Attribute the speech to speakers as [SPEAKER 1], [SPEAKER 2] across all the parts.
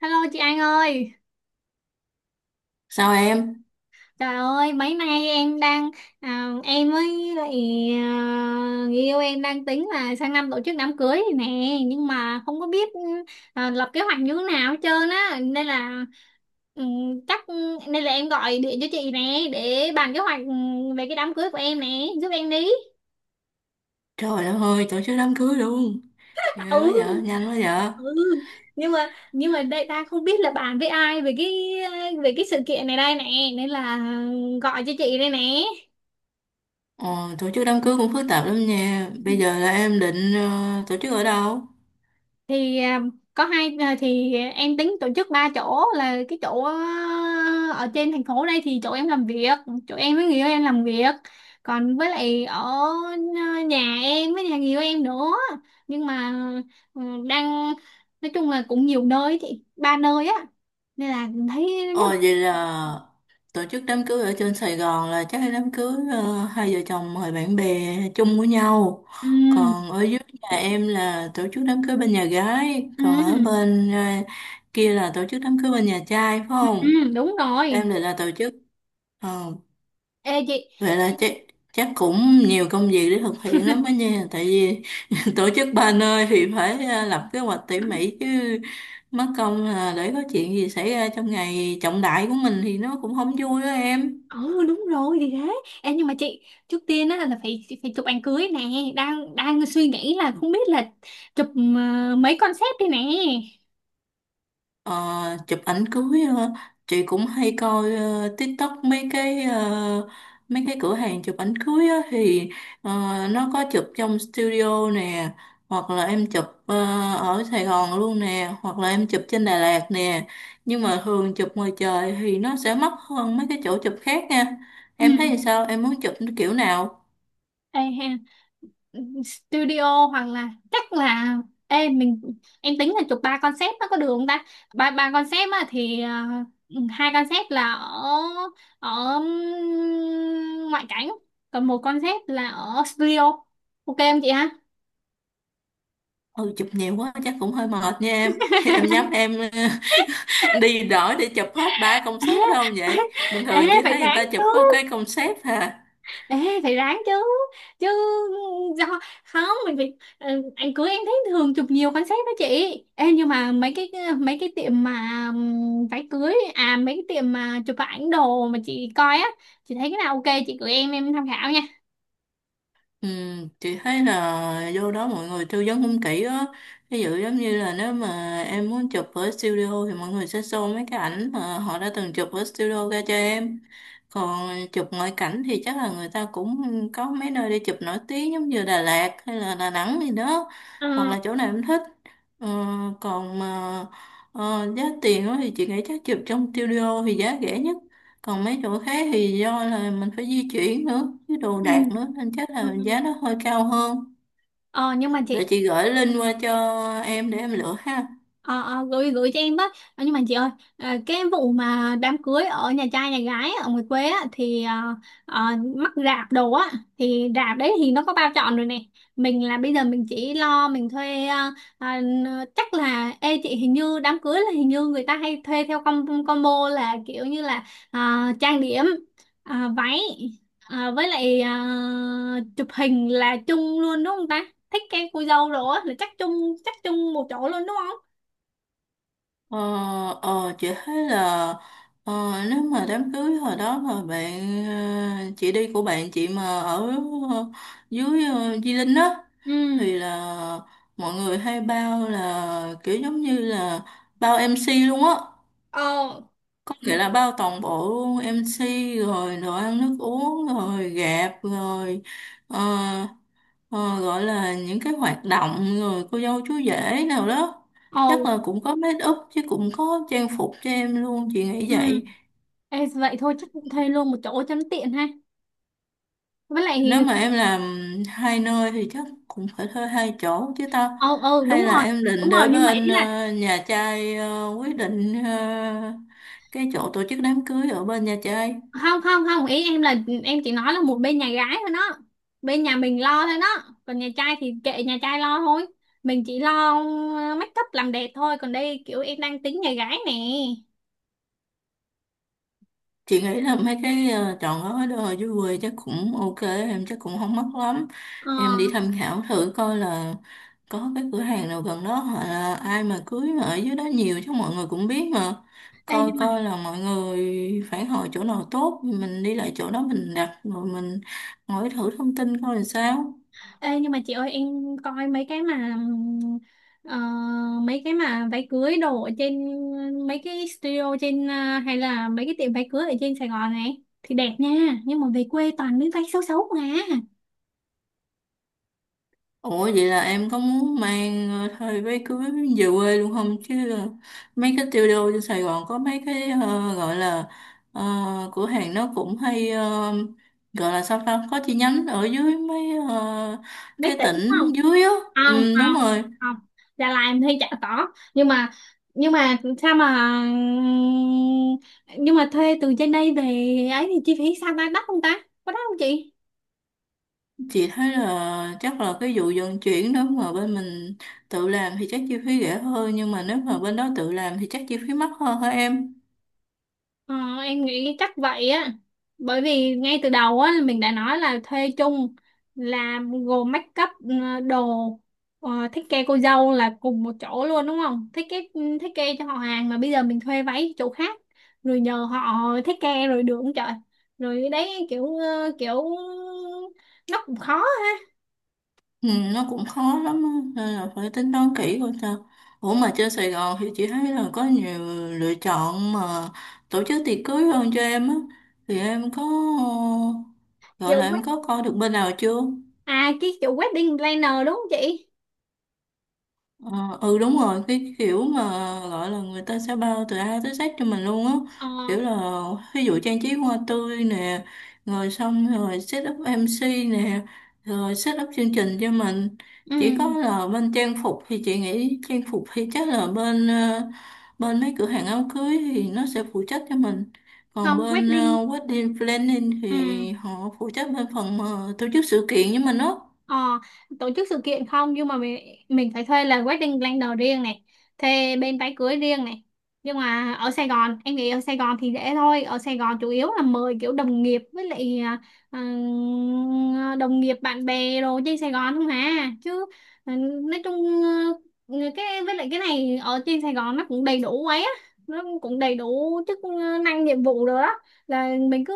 [SPEAKER 1] Hello chị An ơi,
[SPEAKER 2] Sao em?
[SPEAKER 1] trời ơi mấy nay em đang em với lại người yêu em đang tính là sang năm tổ chức đám cưới này nè, nhưng mà không có biết lập kế hoạch như thế nào hết trơn á, nên là ừ, chắc nên là em gọi điện cho chị nè để bàn kế hoạch, về cái đám cưới của em nè, giúp em đi.
[SPEAKER 2] Trời đất ơi, tổ chức đám cưới luôn. Ghê quá
[SPEAKER 1] Ừ,
[SPEAKER 2] vợ, nhanh quá vợ.
[SPEAKER 1] ừ, nhưng mà đây ta không biết là bàn với ai về cái sự kiện này đây nè, nên là gọi cho chị đây nè.
[SPEAKER 2] Ờ, Tổ chức đám cưới cũng phức tạp lắm nha. Bây giờ là em định tổ chức ở đâu?
[SPEAKER 1] Thì có hai thì em tính tổ chức ba chỗ, là cái chỗ ở trên thành phố đây thì chỗ em làm việc, chỗ em với người yêu em làm việc, còn với lại ở nhà em với nhà người yêu em nữa. Nhưng mà ừ, đang nói chung là cũng nhiều nơi chị, ba nơi á, nên là thấy nhất.
[SPEAKER 2] Ờ, Vậy là tổ chức đám cưới ở trên Sài Gòn là chắc là đám cưới hai vợ chồng mời bạn bè chung của nhau.
[SPEAKER 1] Ừ,
[SPEAKER 2] Còn ở dưới nhà em là tổ chức đám cưới bên nhà gái. Còn ở
[SPEAKER 1] ừ,
[SPEAKER 2] bên kia là tổ chức đám cưới bên nhà trai phải
[SPEAKER 1] ừ, ừ,
[SPEAKER 2] không?
[SPEAKER 1] đúng rồi.
[SPEAKER 2] Em định là tổ chức. Ờ,
[SPEAKER 1] Ê, chị.
[SPEAKER 2] Vậy là chắc chắc cũng nhiều công việc để thực hiện lắm đó nha, tại vì tổ chức ba nơi thì phải lập kế hoạch tỉ mỉ chứ, mất công là để có chuyện gì xảy ra trong ngày trọng đại của mình thì nó cũng không vui đó em.
[SPEAKER 1] Ồ, đúng rồi thì thế em, nhưng mà chị, trước tiên á là phải phải chụp ảnh cưới nè. Đang đang suy nghĩ là không biết là chụp mấy concept đi nè.
[SPEAKER 2] Ờ, Chụp ảnh cưới chị cũng hay coi TikTok mấy cái mấy cái cửa hàng chụp ảnh cưới á, thì ờ, nó có chụp trong studio nè, hoặc là em chụp ở Sài Gòn luôn nè, hoặc là em chụp trên Đà Lạt nè, nhưng mà thường chụp ngoài trời thì nó sẽ mắc hơn mấy cái chỗ chụp khác nha.
[SPEAKER 1] Ừ.
[SPEAKER 2] Em thấy thì sao, em muốn chụp kiểu nào?
[SPEAKER 1] Ê, ha, studio hoặc là chắc là ê mình, em tính là chụp ba concept nó có được không ta? Ba ba concept á thì hai concept là ở ở ngoại cảnh, còn một concept là ở studio, ok không chị ha?
[SPEAKER 2] Ừ, chụp nhiều quá chắc cũng hơi mệt nha em. Em nhắm em đi đổi để chụp hết ba concept đâu? Vậy bình
[SPEAKER 1] Ê,
[SPEAKER 2] thường
[SPEAKER 1] ê,
[SPEAKER 2] chị
[SPEAKER 1] phải
[SPEAKER 2] thấy người
[SPEAKER 1] ráng
[SPEAKER 2] ta chụp
[SPEAKER 1] chứ.
[SPEAKER 2] có cái concept hà.
[SPEAKER 1] Ê, phải ráng chứ, chứ do không mình phải anh cưới em thấy thường chụp nhiều concept đó chị. Ê, nhưng mà mấy cái tiệm mà váy cưới, à mấy cái tiệm mà chụp ảnh đồ mà chị coi á, chị thấy cái nào ok chị gửi em tham khảo nha.
[SPEAKER 2] Ừ, chị thấy là vô đó mọi người tư vấn cũng kỹ á, ví dụ giống như là nếu mà em muốn chụp ở studio thì mọi người sẽ show mấy cái ảnh mà họ đã từng chụp ở studio ra cho em, còn chụp ngoại cảnh thì chắc là người ta cũng có mấy nơi đi chụp nổi tiếng giống như Đà Lạt hay là Đà Nẵng gì đó, hoặc
[SPEAKER 1] À,
[SPEAKER 2] là chỗ nào em thích. Ờ, Còn mà giá tiền á thì chị nghĩ chắc chụp trong studio thì giá rẻ nhất, còn mấy chỗ khác thì do là mình phải di chuyển nữa với đồ
[SPEAKER 1] ừ,
[SPEAKER 2] đạc nữa nên chắc
[SPEAKER 1] ừ.
[SPEAKER 2] là giá nó hơi cao hơn.
[SPEAKER 1] Ờ nhưng mà
[SPEAKER 2] Để
[SPEAKER 1] chị.
[SPEAKER 2] chị gửi link qua cho em để em lựa ha.
[SPEAKER 1] Ờ, ờ, gửi gửi cho em với. Ờ, nhưng mà chị ơi, cái vụ mà đám cưới ở nhà trai nhà gái ở ngoài quê á, thì ờ, mắc rạp đồ á, thì rạp đấy thì nó có bao trọn rồi nè. Mình là bây giờ mình chỉ lo mình thuê ờ, chắc là ê chị, hình như đám cưới là hình như người ta hay thuê theo com, combo, là kiểu như là ờ, trang điểm, váy, với lại chụp hình là chung luôn đúng không ta? Thích cái cô dâu rồi á là chắc chung, chắc chung một chỗ luôn đúng không?
[SPEAKER 2] Ờ, chị thấy là ờ, nếu mà đám cưới hồi đó mà bạn chị đi của bạn chị mà ở ờ, dưới Di Linh á,
[SPEAKER 1] Ừ.
[SPEAKER 2] thì là mọi người hay bao là kiểu giống như là bao MC luôn á.
[SPEAKER 1] Ờ,
[SPEAKER 2] Vậy là bao toàn bộ luôn MC, rồi đồ ăn nước uống rồi gạp rồi ờ, ờ, gọi là những cái hoạt động rồi cô dâu chú rể nào đó,
[SPEAKER 1] ờ,
[SPEAKER 2] chắc là cũng có make up chứ, cũng có trang phục cho em luôn, chị nghĩ
[SPEAKER 1] ừ.
[SPEAKER 2] vậy.
[SPEAKER 1] Ê, vậy thôi chắc cũng thuê luôn một chỗ cho nó tiện ha, với
[SPEAKER 2] Nếu
[SPEAKER 1] lại
[SPEAKER 2] mà em làm hai nơi thì chắc cũng phải thuê hai chỗ chứ tao.
[SPEAKER 1] ờ, đúng
[SPEAKER 2] Hay là
[SPEAKER 1] rồi,
[SPEAKER 2] em định
[SPEAKER 1] đúng rồi
[SPEAKER 2] để
[SPEAKER 1] nhưng mà
[SPEAKER 2] bên
[SPEAKER 1] ý là,
[SPEAKER 2] nhà trai quyết định cái chỗ tổ chức đám cưới ở bên nhà trai?
[SPEAKER 1] không không không ý em là em chỉ nói là một bên nhà gái thôi đó, bên nhà mình lo thôi đó, còn nhà trai thì kệ nhà trai lo thôi. Mình chỉ lo make up làm đẹp thôi, còn đây kiểu em đang tính nhà gái nè.
[SPEAKER 2] Chị nghĩ là mấy cái chọn gói đồ dưới quê chắc cũng ok em, chắc cũng không mắc lắm.
[SPEAKER 1] Ờ,
[SPEAKER 2] Em đi tham khảo thử coi là có cái cửa hàng nào gần đó, hoặc là ai mà cưới mà ở dưới đó nhiều chứ mọi người cũng biết mà,
[SPEAKER 1] đây
[SPEAKER 2] coi
[SPEAKER 1] nhưng mà.
[SPEAKER 2] coi là mọi người phản hồi chỗ nào tốt thì mình đi lại chỗ đó mình đặt, rồi mình hỏi thử thông tin coi là sao.
[SPEAKER 1] Ê, nhưng mà chị ơi em coi mấy cái mà ờ, mấy cái mà váy cưới đồ ở trên, mấy cái studio trên hay là mấy cái tiệm váy cưới ở trên Sài Gòn này thì đẹp nha, nhưng mà về quê toàn mấy váy xấu xấu mà.
[SPEAKER 2] Ủa vậy là em có muốn mang thời váy cưới về quê luôn không? Chứ mấy cái tiêu đô trên Sài Gòn có mấy cái gọi là ờ, cửa hàng nó cũng hay gọi là sao ta, có chi nhánh ở dưới mấy ờ,
[SPEAKER 1] Mấy
[SPEAKER 2] cái
[SPEAKER 1] tỷ đúng
[SPEAKER 2] tỉnh
[SPEAKER 1] không?
[SPEAKER 2] dưới á.
[SPEAKER 1] Không
[SPEAKER 2] Ừ, đúng
[SPEAKER 1] không
[SPEAKER 2] rồi.
[SPEAKER 1] không. Đà Lạt em thấy chả có. Nhưng mà, nhưng mà sao mà, nhưng mà thuê từ trên đây về ấy thì chi phí sao ta, đắt không ta, có đắt không chị?
[SPEAKER 2] Chị thấy là chắc là cái vụ vận chuyển đó mà bên mình tự làm thì chắc chi phí rẻ hơn, nhưng mà nếu mà bên đó tự làm thì chắc chi phí mắc hơn hả em?
[SPEAKER 1] Ờ, em nghĩ chắc vậy á, bởi vì ngay từ đầu á mình đã nói là thuê chung, là gồm make up, đồ, thiết kế cô dâu là cùng một chỗ luôn đúng không, thiết kế, thiết kế cho họ hàng, mà bây giờ mình thuê váy chỗ khác rồi nhờ họ thiết kế rồi được không trời. Rồi đấy kiểu kiểu nó cũng khó.
[SPEAKER 2] Ừ, nó cũng khó lắm á, nên là phải tính toán kỹ coi sao. Ủa mà trên Sài Gòn thì chị thấy là có nhiều lựa chọn mà tổ chức tiệc cưới hơn cho em á. Thì em có ờ, gọi
[SPEAKER 1] Kiểu
[SPEAKER 2] là em
[SPEAKER 1] wed-,
[SPEAKER 2] có coi được bên nào chưa?
[SPEAKER 1] à cái kiểu wedding planner đúng không chị?
[SPEAKER 2] Ờ, ừ, đúng rồi, cái kiểu mà gọi là người ta sẽ bao từ A tới Z cho mình luôn á,
[SPEAKER 1] Ờ.
[SPEAKER 2] kiểu là ví dụ trang trí hoa tươi nè, rồi xong rồi set up MC nè, rồi set up chương trình cho mình. Chỉ có
[SPEAKER 1] Ừ,
[SPEAKER 2] là bên trang phục thì chị nghĩ trang phục thì chắc là bên bên mấy cửa hàng áo cưới thì nó sẽ phụ trách cho mình, còn
[SPEAKER 1] không,
[SPEAKER 2] bên
[SPEAKER 1] wedding.
[SPEAKER 2] wedding planning thì
[SPEAKER 1] Ừ.
[SPEAKER 2] họ phụ trách bên phần mà tổ chức sự kiện với mình á.
[SPEAKER 1] Ờ, tổ chức sự kiện, không nhưng mà mình phải thuê là wedding planner riêng này, thuê bên váy cưới riêng này, nhưng mà ở Sài Gòn em nghĩ ở Sài Gòn thì dễ thôi, ở Sài Gòn chủ yếu là mời kiểu đồng nghiệp với lại ừ, đồng nghiệp bạn bè đồ trên Sài Gòn không hả chứ. Ừ, nói chung, cái với lại cái này ở trên Sài Gòn nó cũng đầy đủ ấy á, nó cũng đầy đủ chức năng nhiệm vụ rồi đó, là mình cứ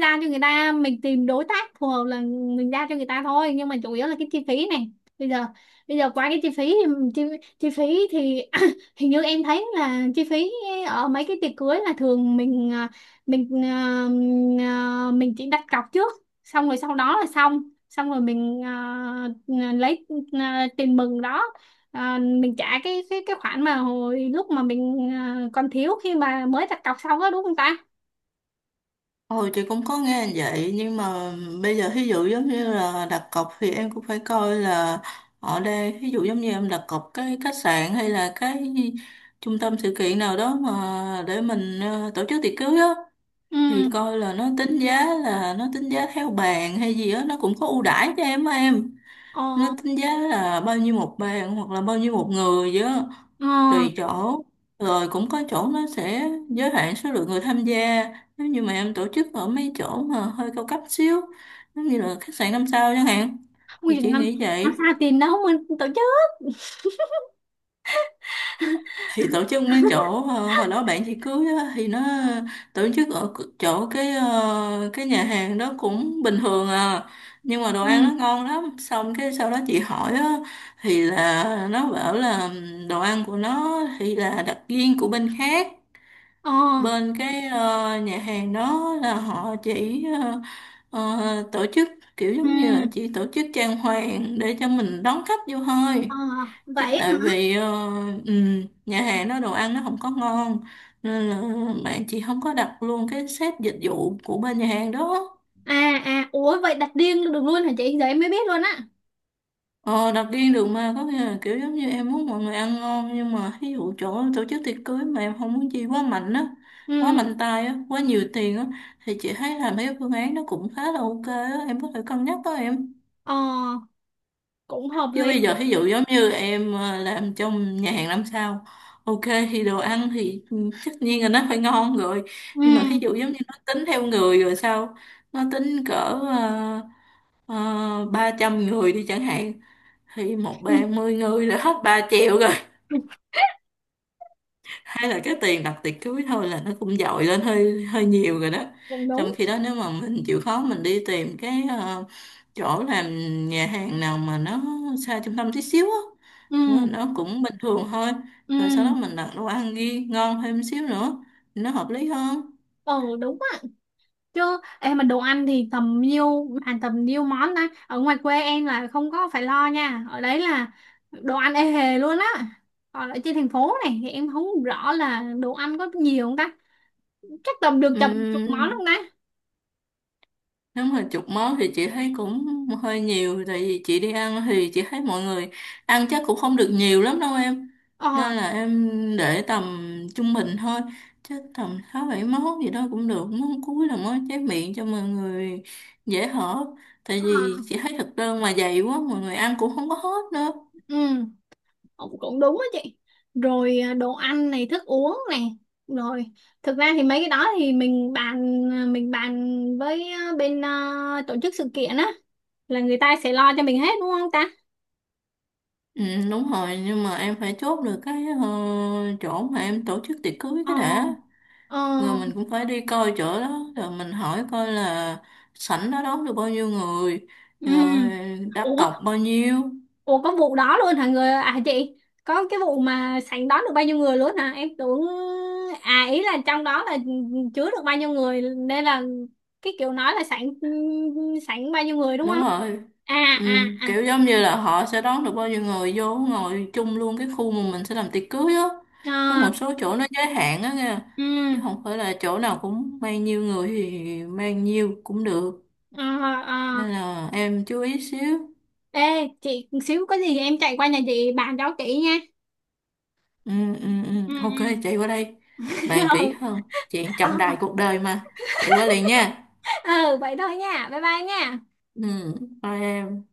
[SPEAKER 1] ra cho người ta, mình tìm đối tác phù hợp là mình ra cho người ta thôi. Nhưng mà chủ yếu là cái chi phí này, bây giờ, bây giờ qua cái chi phí thì chi phí thì hình như em thấy là chi phí ở mấy cái tiệc cưới là thường mình mình mình chỉ đặt cọc trước, xong rồi sau đó là xong, xong rồi mình lấy tiền mừng đó mình trả cái cái khoản mà hồi lúc mà mình còn thiếu khi mà mới đặt cọc xong đó đúng không ta?
[SPEAKER 2] Ồ, chị cũng có nghe vậy, nhưng mà bây giờ ví dụ giống như là đặt cọc thì em cũng phải coi là ở đây ví dụ giống như em đặt cọc cái khách sạn hay là cái trung tâm sự kiện nào đó mà để mình tổ chức tiệc cưới á,
[SPEAKER 1] Ừ.
[SPEAKER 2] thì coi là nó tính giá, là nó tính giá theo bàn hay gì á, nó cũng có ưu đãi cho em á em. Nó
[SPEAKER 1] Ờ.
[SPEAKER 2] tính giá là bao nhiêu một bàn, hoặc là bao nhiêu một người vậy á,
[SPEAKER 1] Ờ,
[SPEAKER 2] tùy chỗ. Rồi cũng có chỗ nó sẽ giới hạn số lượng người tham gia, nếu như mà em tổ chức ở mấy chỗ mà hơi cao cấp xíu, giống như là khách sạn năm sao chẳng hạn,
[SPEAKER 1] quy
[SPEAKER 2] thì
[SPEAKER 1] trình
[SPEAKER 2] chị
[SPEAKER 1] năm,
[SPEAKER 2] nghĩ
[SPEAKER 1] xa
[SPEAKER 2] vậy.
[SPEAKER 1] tiền đâu mình tổ chức.
[SPEAKER 2] Thì tổ chức mấy chỗ hồi đó bạn chị cưới á, thì nó tổ chức ở chỗ cái cái nhà hàng đó cũng bình thường à, nhưng mà đồ ăn nó
[SPEAKER 1] Ừ.
[SPEAKER 2] ngon lắm, xong cái sau đó chị hỏi á, thì là nó bảo là đồ ăn của nó thì là đặc viên của bên khác.
[SPEAKER 1] Ờ.
[SPEAKER 2] Bên cái nhà hàng đó là họ chỉ tổ chức kiểu
[SPEAKER 1] Ừ.
[SPEAKER 2] giống như là chỉ tổ chức trang hoàng để cho mình đón khách vô thôi.
[SPEAKER 1] Ờ,
[SPEAKER 2] Chứ
[SPEAKER 1] vậy hả.
[SPEAKER 2] tại vì nhà hàng đó đồ ăn nó không có ngon, nên là bạn chị không có đặt luôn cái set dịch vụ của bên nhà hàng đó.
[SPEAKER 1] À à, ủa vậy đặt riêng được luôn hả chị, giờ em mới biết luôn á.
[SPEAKER 2] Ờ, đặt riêng được mà, có nghĩa là kiểu giống như em muốn mọi người ăn ngon, nhưng mà ví dụ chỗ tổ chức tiệc cưới mà em không muốn chi quá mạnh á, quá
[SPEAKER 1] Ừ.
[SPEAKER 2] mạnh tay á, quá nhiều tiền á, thì chị thấy là mấy cái phương án nó cũng khá là ok á, em có thể cân nhắc đó em.
[SPEAKER 1] Ờ, cũng hợp
[SPEAKER 2] Chứ
[SPEAKER 1] lý.
[SPEAKER 2] bây giờ ví dụ giống như em làm trong nhà hàng năm sao, ok, thì đồ ăn thì ừ, tất nhiên là nó phải ngon rồi,
[SPEAKER 1] Ừ,
[SPEAKER 2] nhưng mà thí dụ giống như nó tính theo người rồi sao, nó tính cỡ ba trăm người đi chẳng hạn, thì một
[SPEAKER 1] ừ,
[SPEAKER 2] ba mươi người là hết 3 triệu rồi,
[SPEAKER 1] ừ,
[SPEAKER 2] hay là cái tiền đặt tiệc cưới thôi là nó cũng dội lên hơi hơi nhiều rồi đó.
[SPEAKER 1] cũng
[SPEAKER 2] Trong
[SPEAKER 1] đúng.
[SPEAKER 2] khi đó nếu mà mình chịu khó mình đi tìm cái chỗ làm nhà hàng nào mà nó xa trung tâm tí xíu á,
[SPEAKER 1] Ừ.
[SPEAKER 2] mà nó cũng bình thường thôi, rồi sau
[SPEAKER 1] Ừ.
[SPEAKER 2] đó mình đặt đồ ăn ghi ngon thêm xíu nữa, nó hợp lý hơn.
[SPEAKER 1] Ờ đúng á, chứ em mà đồ ăn thì tầm nhiêu bàn tầm nhiêu món ta? Ở ngoài quê em là không có phải lo nha, ở đấy là đồ ăn ê hề luôn á, còn ở trên thành phố này thì em không rõ là đồ ăn có nhiều không ta, chắc tầm được tầm chục món không ta?
[SPEAKER 2] Nếu mà chục món thì chị thấy cũng hơi nhiều, tại vì chị đi ăn thì chị thấy mọi người ăn chắc cũng không được nhiều lắm đâu em,
[SPEAKER 1] Ờ.
[SPEAKER 2] nên là em để tầm trung bình thôi, chắc tầm sáu bảy món gì đó cũng được, món cuối là món trái miệng cho mọi người dễ hở, tại
[SPEAKER 1] Ờ.
[SPEAKER 2] vì chị thấy thực đơn mà dày quá mọi người ăn cũng không có hết nữa.
[SPEAKER 1] Ừ, cũng, cũng đúng á chị. Rồi đồ ăn này thức uống này, rồi thực ra thì mấy cái đó thì mình bàn mình bàn với bên tổ chức sự kiện á là người ta sẽ lo cho mình hết đúng không ta?
[SPEAKER 2] Ừ, đúng rồi, nhưng mà em phải chốt được cái chỗ mà em tổ chức tiệc cưới
[SPEAKER 1] Ờ.
[SPEAKER 2] cái đã,
[SPEAKER 1] Ờ.
[SPEAKER 2] rồi mình cũng phải đi coi chỗ đó rồi mình hỏi coi là sảnh đó đón được bao nhiêu người,
[SPEAKER 1] Ừ.
[SPEAKER 2] rồi đặt
[SPEAKER 1] Ủa.
[SPEAKER 2] cọc bao nhiêu.
[SPEAKER 1] Ủa có vụ đó luôn hả, người, à chị, có cái vụ mà sảnh đón được bao nhiêu người luôn hả, em tưởng, à ý là trong đó là chứa được bao nhiêu người nên là cái kiểu nói là sảnh, sảnh bao nhiêu người đúng
[SPEAKER 2] Đúng
[SPEAKER 1] không?
[SPEAKER 2] rồi.
[SPEAKER 1] À.
[SPEAKER 2] Ừ,
[SPEAKER 1] À. À.
[SPEAKER 2] kiểu giống như là họ sẽ đón được bao nhiêu người vô ngồi chung luôn cái khu mà mình sẽ làm tiệc cưới á,
[SPEAKER 1] Ờ.
[SPEAKER 2] có một số chỗ nó giới hạn á nha,
[SPEAKER 1] Ừ.
[SPEAKER 2] chứ không phải là chỗ nào cũng mang nhiêu người thì mang nhiêu cũng được,
[SPEAKER 1] Ờ. Ờ.
[SPEAKER 2] nên là em chú ý xíu.
[SPEAKER 1] Ê chị, xíu có gì em chạy qua nhà chị bàn cho kỹ nha.
[SPEAKER 2] Ừ, ừ, ừ.
[SPEAKER 1] Ừ,
[SPEAKER 2] Ok,
[SPEAKER 1] ừ.
[SPEAKER 2] chạy qua đây bàn kỹ
[SPEAKER 1] Ừ.
[SPEAKER 2] hơn, chuyện
[SPEAKER 1] Ờ,
[SPEAKER 2] trọng đại cuộc đời mà. Chạy qua liền nha.
[SPEAKER 1] ờ, vậy thôi nha, bye bye nha.
[SPEAKER 2] Ừ, thôi em.